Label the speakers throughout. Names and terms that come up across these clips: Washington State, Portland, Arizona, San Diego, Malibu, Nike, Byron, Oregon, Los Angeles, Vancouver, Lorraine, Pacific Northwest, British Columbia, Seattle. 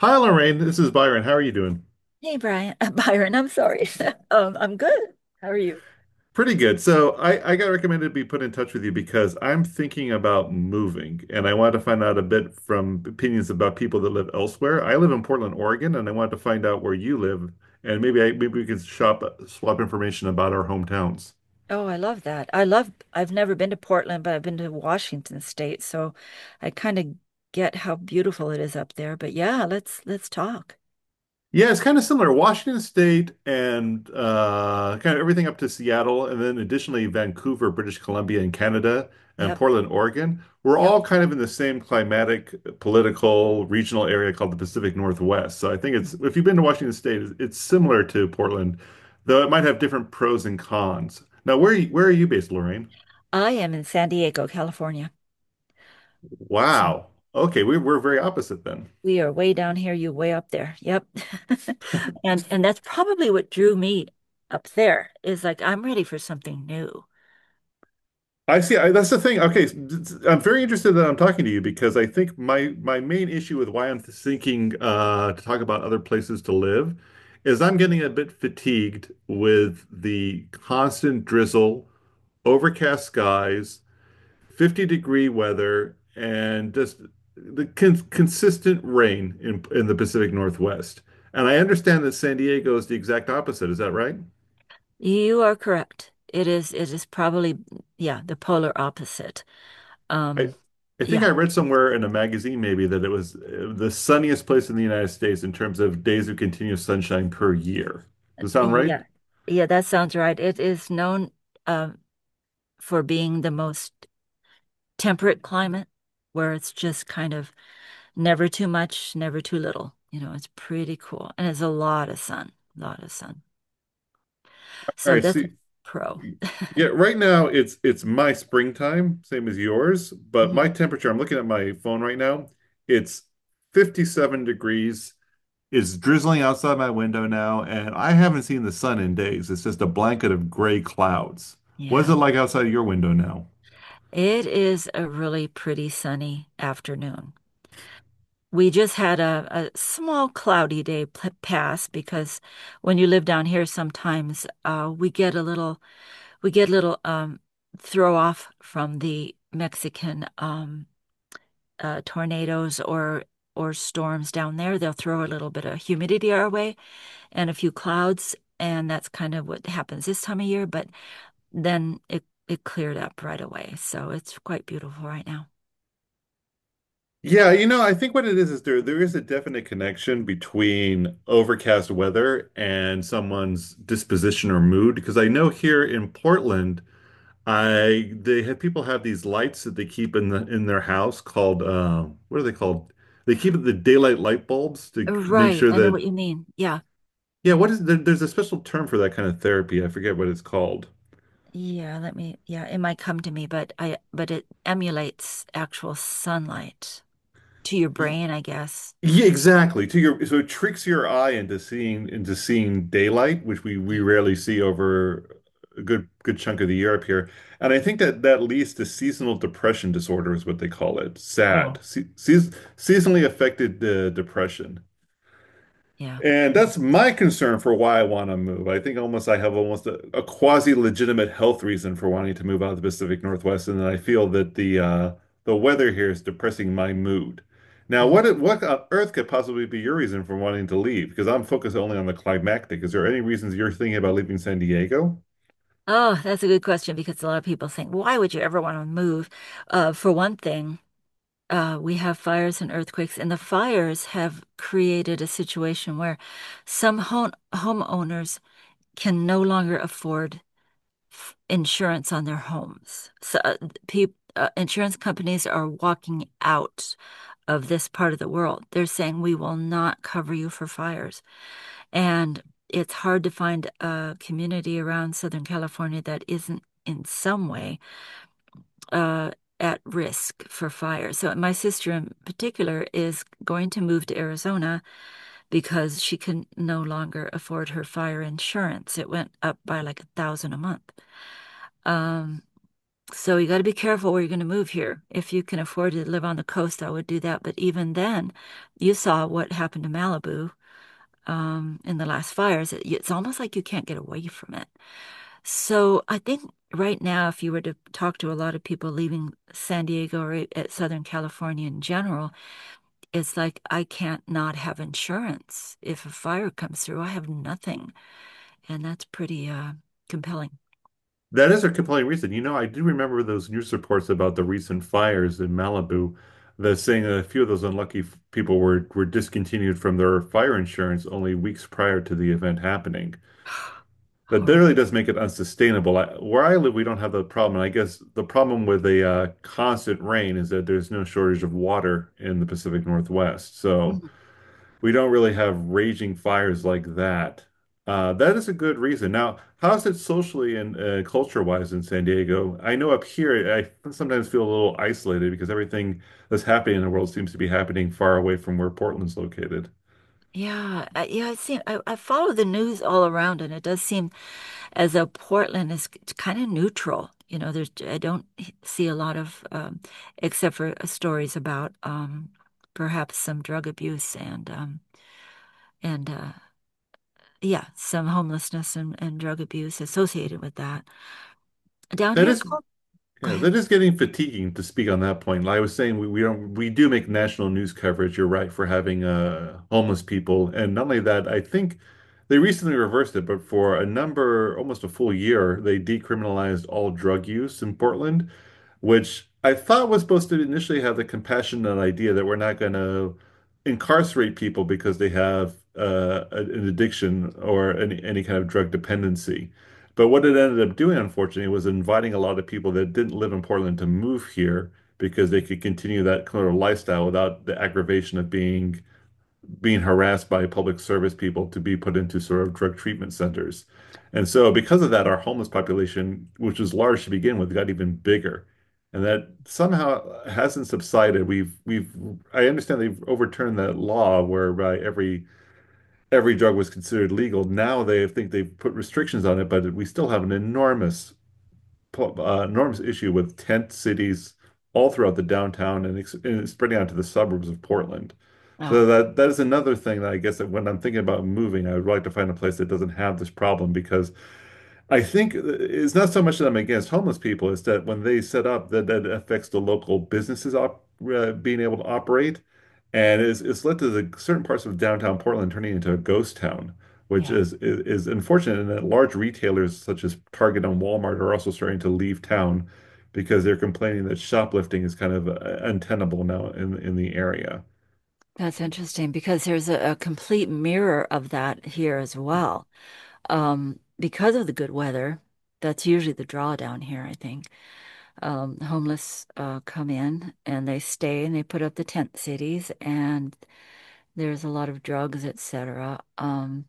Speaker 1: Hi, Lorraine. This is Byron. How are you doing?
Speaker 2: Hey Brian, Byron, I'm sorry. I'm good. How are you?
Speaker 1: Pretty good. So I got recommended to be put in touch with you because I'm thinking about moving and I wanted to find out a bit from opinions about people that live elsewhere. I live in Portland, Oregon, and I wanted to find out where you live and maybe we can shop swap information about our hometowns.
Speaker 2: Oh, I love that. I love, I've never been to Portland, but I've been to Washington State, so I kind of get how beautiful it is up there. But yeah, let's talk.
Speaker 1: Yeah, it's kind of similar. Washington State and kind of everything up to Seattle, and then additionally Vancouver, British Columbia, and Canada, and
Speaker 2: Yep,
Speaker 1: Portland, Oregon. We're
Speaker 2: yep.
Speaker 1: all kind of in the same climatic, political, regional area called the Pacific Northwest. So I think it's
Speaker 2: Mhm.
Speaker 1: if you've been to Washington State, it's similar to Portland, though it might have different pros and cons. Now, where are you based, Lorraine?
Speaker 2: I am in San Diego, California. So
Speaker 1: Wow. Okay, we're very opposite then.
Speaker 2: we are way down here, you way up there. Yep. And that's probably what drew me up there is like I'm ready for something new.
Speaker 1: I see. That's the thing. Okay, I'm very interested that I'm talking to you because I think my main issue with why I'm thinking to talk about other places to live is I'm getting a bit fatigued with the constant drizzle, overcast skies, 50-degree weather, and just the consistent rain in the Pacific Northwest. And I understand that San Diego is the exact opposite. Is that right?
Speaker 2: You are correct. It is probably, yeah, the polar opposite.
Speaker 1: I
Speaker 2: Um
Speaker 1: I think
Speaker 2: yeah.
Speaker 1: I read somewhere in a magazine maybe that it was the sunniest place in the United States in terms of days of continuous sunshine per year. Does that sound right?
Speaker 2: Yeah. Yeah, that sounds right. It is known uh, for being the most temperate climate where it's just kind of never too much, never too little. You know, it's pretty cool. And it's a lot of sun, a lot of sun.
Speaker 1: All
Speaker 2: So
Speaker 1: right,
Speaker 2: that's a
Speaker 1: see,
Speaker 2: pro.
Speaker 1: yeah, right now it's my springtime, same as yours, but my
Speaker 2: Mhm.
Speaker 1: temperature, I'm looking at my phone right now, it's 57 degrees. It's drizzling outside my window now, and I haven't seen the sun in days. It's just a blanket of gray clouds. What is it
Speaker 2: Yeah.
Speaker 1: like outside your window now?
Speaker 2: It is a really pretty sunny afternoon. We just had a small cloudy day p pass because when you live down here, sometimes we get a little we get a little throw off from the Mexican tornadoes or storms down there. They'll throw a little bit of humidity our way and a few clouds, and that's kind of what happens this time of year. But then it cleared up right away, so it's quite beautiful right now.
Speaker 1: Yeah, I think what it is there is a definite connection between overcast weather and someone's disposition or mood. Because I know here in Portland, I they have people have these lights that they keep in their house called what are they called? They keep the daylight light bulbs to make
Speaker 2: Right,
Speaker 1: sure
Speaker 2: I know
Speaker 1: that.
Speaker 2: what you mean. Yeah.
Speaker 1: Yeah, there's a special term for that kind of therapy. I forget what it's called.
Speaker 2: Yeah, yeah, it might come to me, but it emulates actual sunlight to your brain, I guess.
Speaker 1: Yeah, exactly. To your so it tricks your eye into seeing daylight, which we
Speaker 2: Yeah.
Speaker 1: rarely see over a good chunk of the year up here. And I think that that leads to seasonal depression disorder is what they call it. SAD,
Speaker 2: Yeah.
Speaker 1: se seas seasonally affected depression.
Speaker 2: Yeah.
Speaker 1: And
Speaker 2: Mm.
Speaker 1: that's my concern for why I want to move. I think almost I have almost a quasi-legitimate health reason for wanting to move out of the Pacific Northwest, and I feel that the weather here is depressing my mood. Now,
Speaker 2: Mm.
Speaker 1: what on earth could possibly be your reason for wanting to leave? Because I'm focused only on the climactic. Is there any reasons you're thinking about leaving San Diego?
Speaker 2: Oh, that's a good question because a lot of people think, why would you ever want to move? For one thing, we have fires and earthquakes, and the fires have created a situation where some homeowners can no longer afford f insurance on their homes. So, insurance companies are walking out of this part of the world. They're saying, we will not cover you for fires. And it's hard to find a community around Southern California that isn't in some way uh, at risk for fire. So my sister in particular is going to move to Arizona because she can no longer afford her fire insurance. It went up by like 1,000 a month. Um, so you got to be careful where you're going to move here. If you can afford to live on the coast, I would do that. But even then, you saw what happened to Malibu in the last fires. It- It's almost like you can't get away from it. So I think right now, if you were to talk to a lot of people leaving San Diego or at Southern California in general, it's like I can't not have insurance. If a fire comes through, I have nothing, and that's pretty compelling.
Speaker 1: That is a compelling reason. You know, I do remember those news reports about the recent fires in Malibu, the saying that a few of those unlucky people were discontinued from their fire insurance only weeks prior to the event happening. That really
Speaker 2: Horrible.
Speaker 1: does make it unsustainable. Where I live, we don't have the problem. And I guess the problem with the constant rain is that there's no shortage of water in the Pacific Northwest. So
Speaker 2: Mm-hmm.
Speaker 1: we don't really have raging fires like that. That is a good reason. Now, how's it socially and culture-wise in San Diego? I know up here, I sometimes feel a little isolated because everything that's happening in the world seems to be happening far away from where Portland's located.
Speaker 2: Yeah, I see. I follow the news all around, and it does seem as though Portland is kind of neutral. You know, there's I don't h- see a lot of, except for stories about perhaps some drug abuse and yeah, some homelessness and drug abuse associated with that. Down
Speaker 1: That
Speaker 2: here,
Speaker 1: is
Speaker 2: Col- go
Speaker 1: Yeah,
Speaker 2: ahead.
Speaker 1: that is getting fatiguing to speak on that point. Like I was saying, we don't we do make national news coverage, you're right, for having homeless people. And not only that, I think they recently reversed it, but for a number, almost a full year, they decriminalized all drug use in Portland, which I thought was supposed to initially have the compassionate idea that we're not going to incarcerate people because they have an addiction or any kind of drug dependency. But what it ended up doing, unfortunately, was inviting a lot of people that didn't live in Portland to move here because they could continue that kind of lifestyle without the aggravation of being harassed by public service people to be put into sort of drug treatment centers. And so because of that, our homeless population, which was large to begin with, got even bigger. And that somehow hasn't subsided. We've I understand they've overturned that law whereby every drug was considered legal. Now they think they've put restrictions on it, but we still have an enormous, enormous issue with tent cities all throughout the downtown and spreading out to the suburbs of Portland. So
Speaker 2: Oh,
Speaker 1: that is another thing that I guess that when I'm thinking about moving, I would like to find a place that doesn't have this problem because I think it's not so much that I'm against homeless people, it's that when they set up, that that affects the local businesses op being able to operate, and it's led to the certain parts of downtown Portland turning into a ghost town, which
Speaker 2: yeah,
Speaker 1: is unfortunate. And that large retailers such as Target and Walmart are also starting to leave town because they're complaining that shoplifting is kind of untenable now in the area.
Speaker 2: that's interesting because there's a complete mirror of that here as well. Because of the good weather, that's usually the draw down here, I think. Homeless come in and they stay and they put up the tent cities and there's a lot of drugs, etc.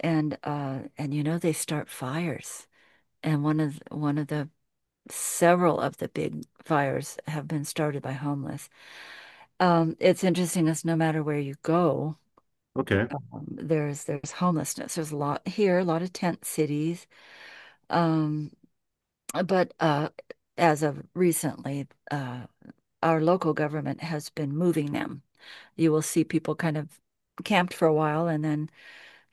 Speaker 2: And and you know they start fires. And one of the several of the big fires have been started by homeless. It's interesting as no matter where you go,
Speaker 1: Okay.
Speaker 2: there's homelessness. There's a lot here, a lot of tent cities. Um, But as of recently, our local government has been moving them. You will see people kind of camped for a while and then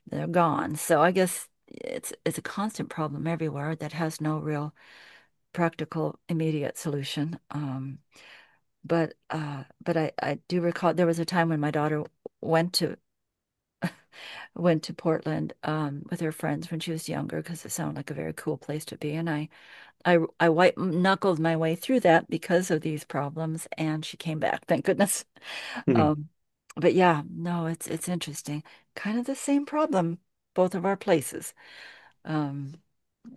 Speaker 2: they're gone. So I guess it's a constant problem everywhere that has no real practical immediate solution. But I do recall there was a time when my daughter went to went to Portland with her friends when she was younger because it sounded like a very cool place to be, and I white knuckled my way through that because of these problems, and she came back, thank goodness.
Speaker 1: Mhm.
Speaker 2: Um, but yeah, no, it's interesting. Kind of the same problem, both of our places. Um,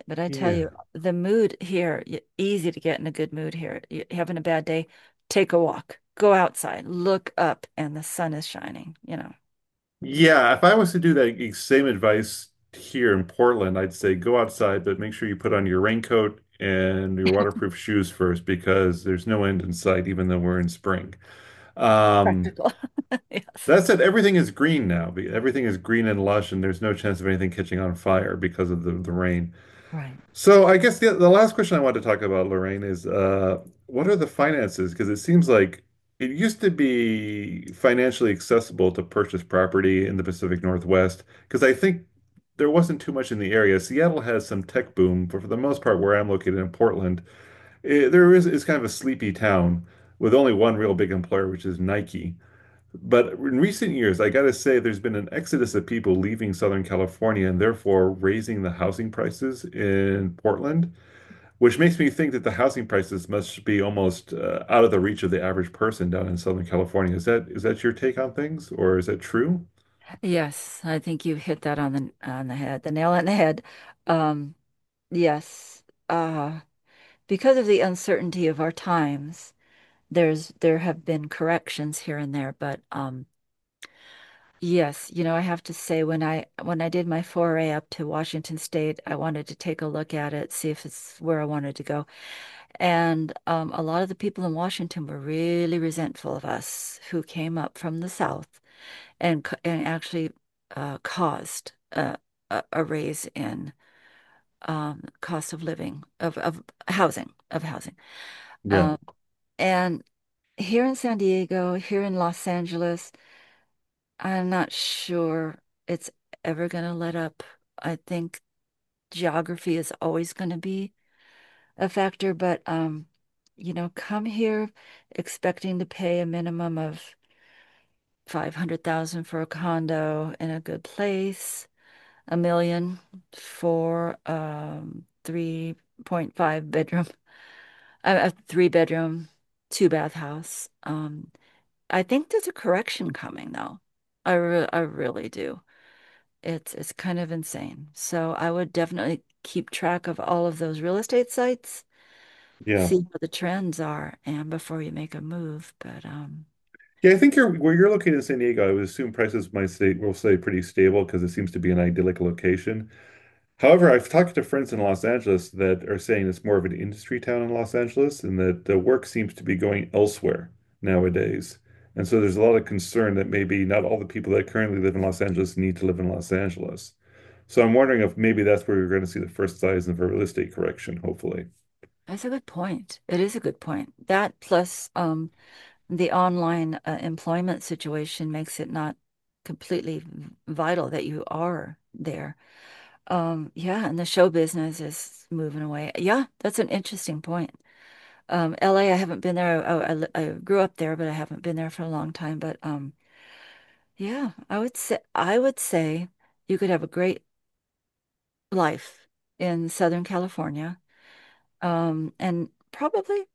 Speaker 2: but I tell
Speaker 1: Yeah.
Speaker 2: you, the mood here, y- easy to get in a good mood here. You having a bad day, take a walk, go outside, look up, and the sun is shining.
Speaker 1: Yeah. If I was to do that same advice here in Portland, I'd say go outside, but make sure you put on your raincoat and your waterproof shoes first because there's no end in sight, even though we're in spring. Um,
Speaker 2: Practical. Yes.
Speaker 1: that said, everything is green now. Everything is green and lush, and there's no chance of anything catching on fire because of the rain.
Speaker 2: Right.
Speaker 1: So I guess the last question I want to talk about, Lorraine, is what are the finances? Because it seems like it used to be financially accessible to purchase property in the Pacific Northwest, because I think there wasn't too much in the area. Seattle has some tech boom, but for the most part, where I'm located in Portland, eh, there is it's kind of a sleepy town with only one real big employer, which is Nike. But in recent years, I gotta say, there's been an exodus of people leaving Southern California and therefore raising the housing prices in Portland, which makes me think that the housing prices must be almost out of the reach of the average person down in Southern California. Is that your take on things, or is that true?
Speaker 2: Yes, I think you hit that on the head, the nail on the head. Um, Yes, uh, because of the uncertainty of our times, there's there have been corrections here and there, but yes, you know, I have to say when I did my foray up to Washington State, I wanted to take a look at it, see if it's where I wanted to go. And a lot of the people in Washington were really resentful of us who came up from the South and c- and actually caused a raise in cost of living of of housing.
Speaker 1: Yeah,
Speaker 2: Um, and here in San Diego, here in Los Angeles, I'm not sure it's ever going to let up. I think geography is always going to be a factor, but you know, come here expecting to pay a minimum of 500,000 for a condo in a good place, a million for 3.5 bedroom, a three bedroom, two bath house. I think there's a correction coming though. I really do. It's kind of insane. So I would definitely keep track of all of those real estate sites,
Speaker 1: yeah.
Speaker 2: see what the trends are, and before you make a move. But
Speaker 1: Yeah, I think you're where you're located in San Diego, I would assume prices might stay will stay pretty stable because it seems to be an idyllic location. However, I've talked to friends in Los Angeles that are saying it's more of an industry town in Los Angeles and that the work seems to be going elsewhere nowadays. And so there's a lot of concern that maybe not all the people that currently live in Los Angeles need to live in Los Angeles. So I'm wondering if maybe that's where we're going to see the first signs of a real estate correction, hopefully.
Speaker 2: That's a good point. It is a good point. That plus the online employment situation makes it not completely v- vital that you are there. Yeah, and the show business is moving away. Yeah, that's an interesting point. LA, I haven't been there. I grew up there, but I haven't been there for a long time. But Yeah, I would say you could have a great life in Southern California. And probably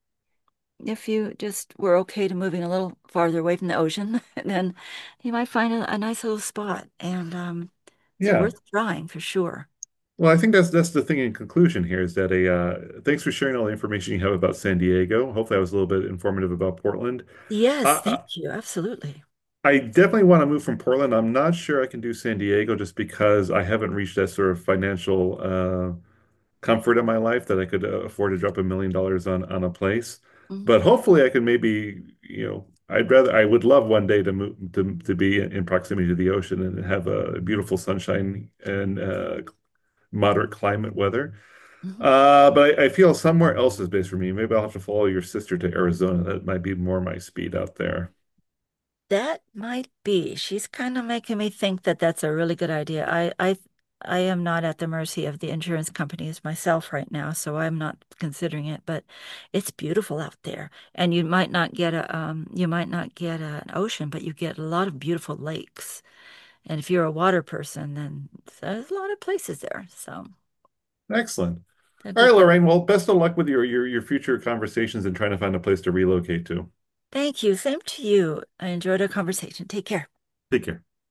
Speaker 2: if you just were okay to moving a little farther away from the ocean, then you might find a nice little spot. And It's
Speaker 1: Yeah.
Speaker 2: worth trying for sure.
Speaker 1: Well, I think that's the thing in conclusion here is that a thanks for sharing all the information you have about San Diego. Hopefully, I was a little bit informative about Portland. I,
Speaker 2: Yes, thank
Speaker 1: I
Speaker 2: you. Absolutely.
Speaker 1: I definitely want to move from Portland. I'm not sure I can do San Diego just because I haven't reached that sort of financial comfort in my life that I could afford to drop $1 million on a place.
Speaker 2: Mhm,
Speaker 1: But hopefully, I can maybe I would love one day to move to be in proximity to the ocean and have a beautiful sunshine and moderate climate weather.
Speaker 2: mhm.
Speaker 1: But I feel somewhere else is based for me. Maybe I'll have to follow your sister to Arizona. That might be more my speed out there.
Speaker 2: That might be. She's kind of making me think that that's a really good idea. I am not at the mercy of the insurance companies myself right now, so I'm not considering it. But it's beautiful out there, and you might not get a, you might not get a, an ocean, but you get a lot of beautiful lakes. And if you're a water person, then there's a lot of places there. So,
Speaker 1: Excellent.
Speaker 2: a
Speaker 1: All
Speaker 2: good
Speaker 1: right,
Speaker 2: thought.
Speaker 1: Lorraine. Well, best of luck with your future conversations and trying to find a place to relocate to.
Speaker 2: Thank you. Same to you. I enjoyed our conversation. Take care.
Speaker 1: Take care.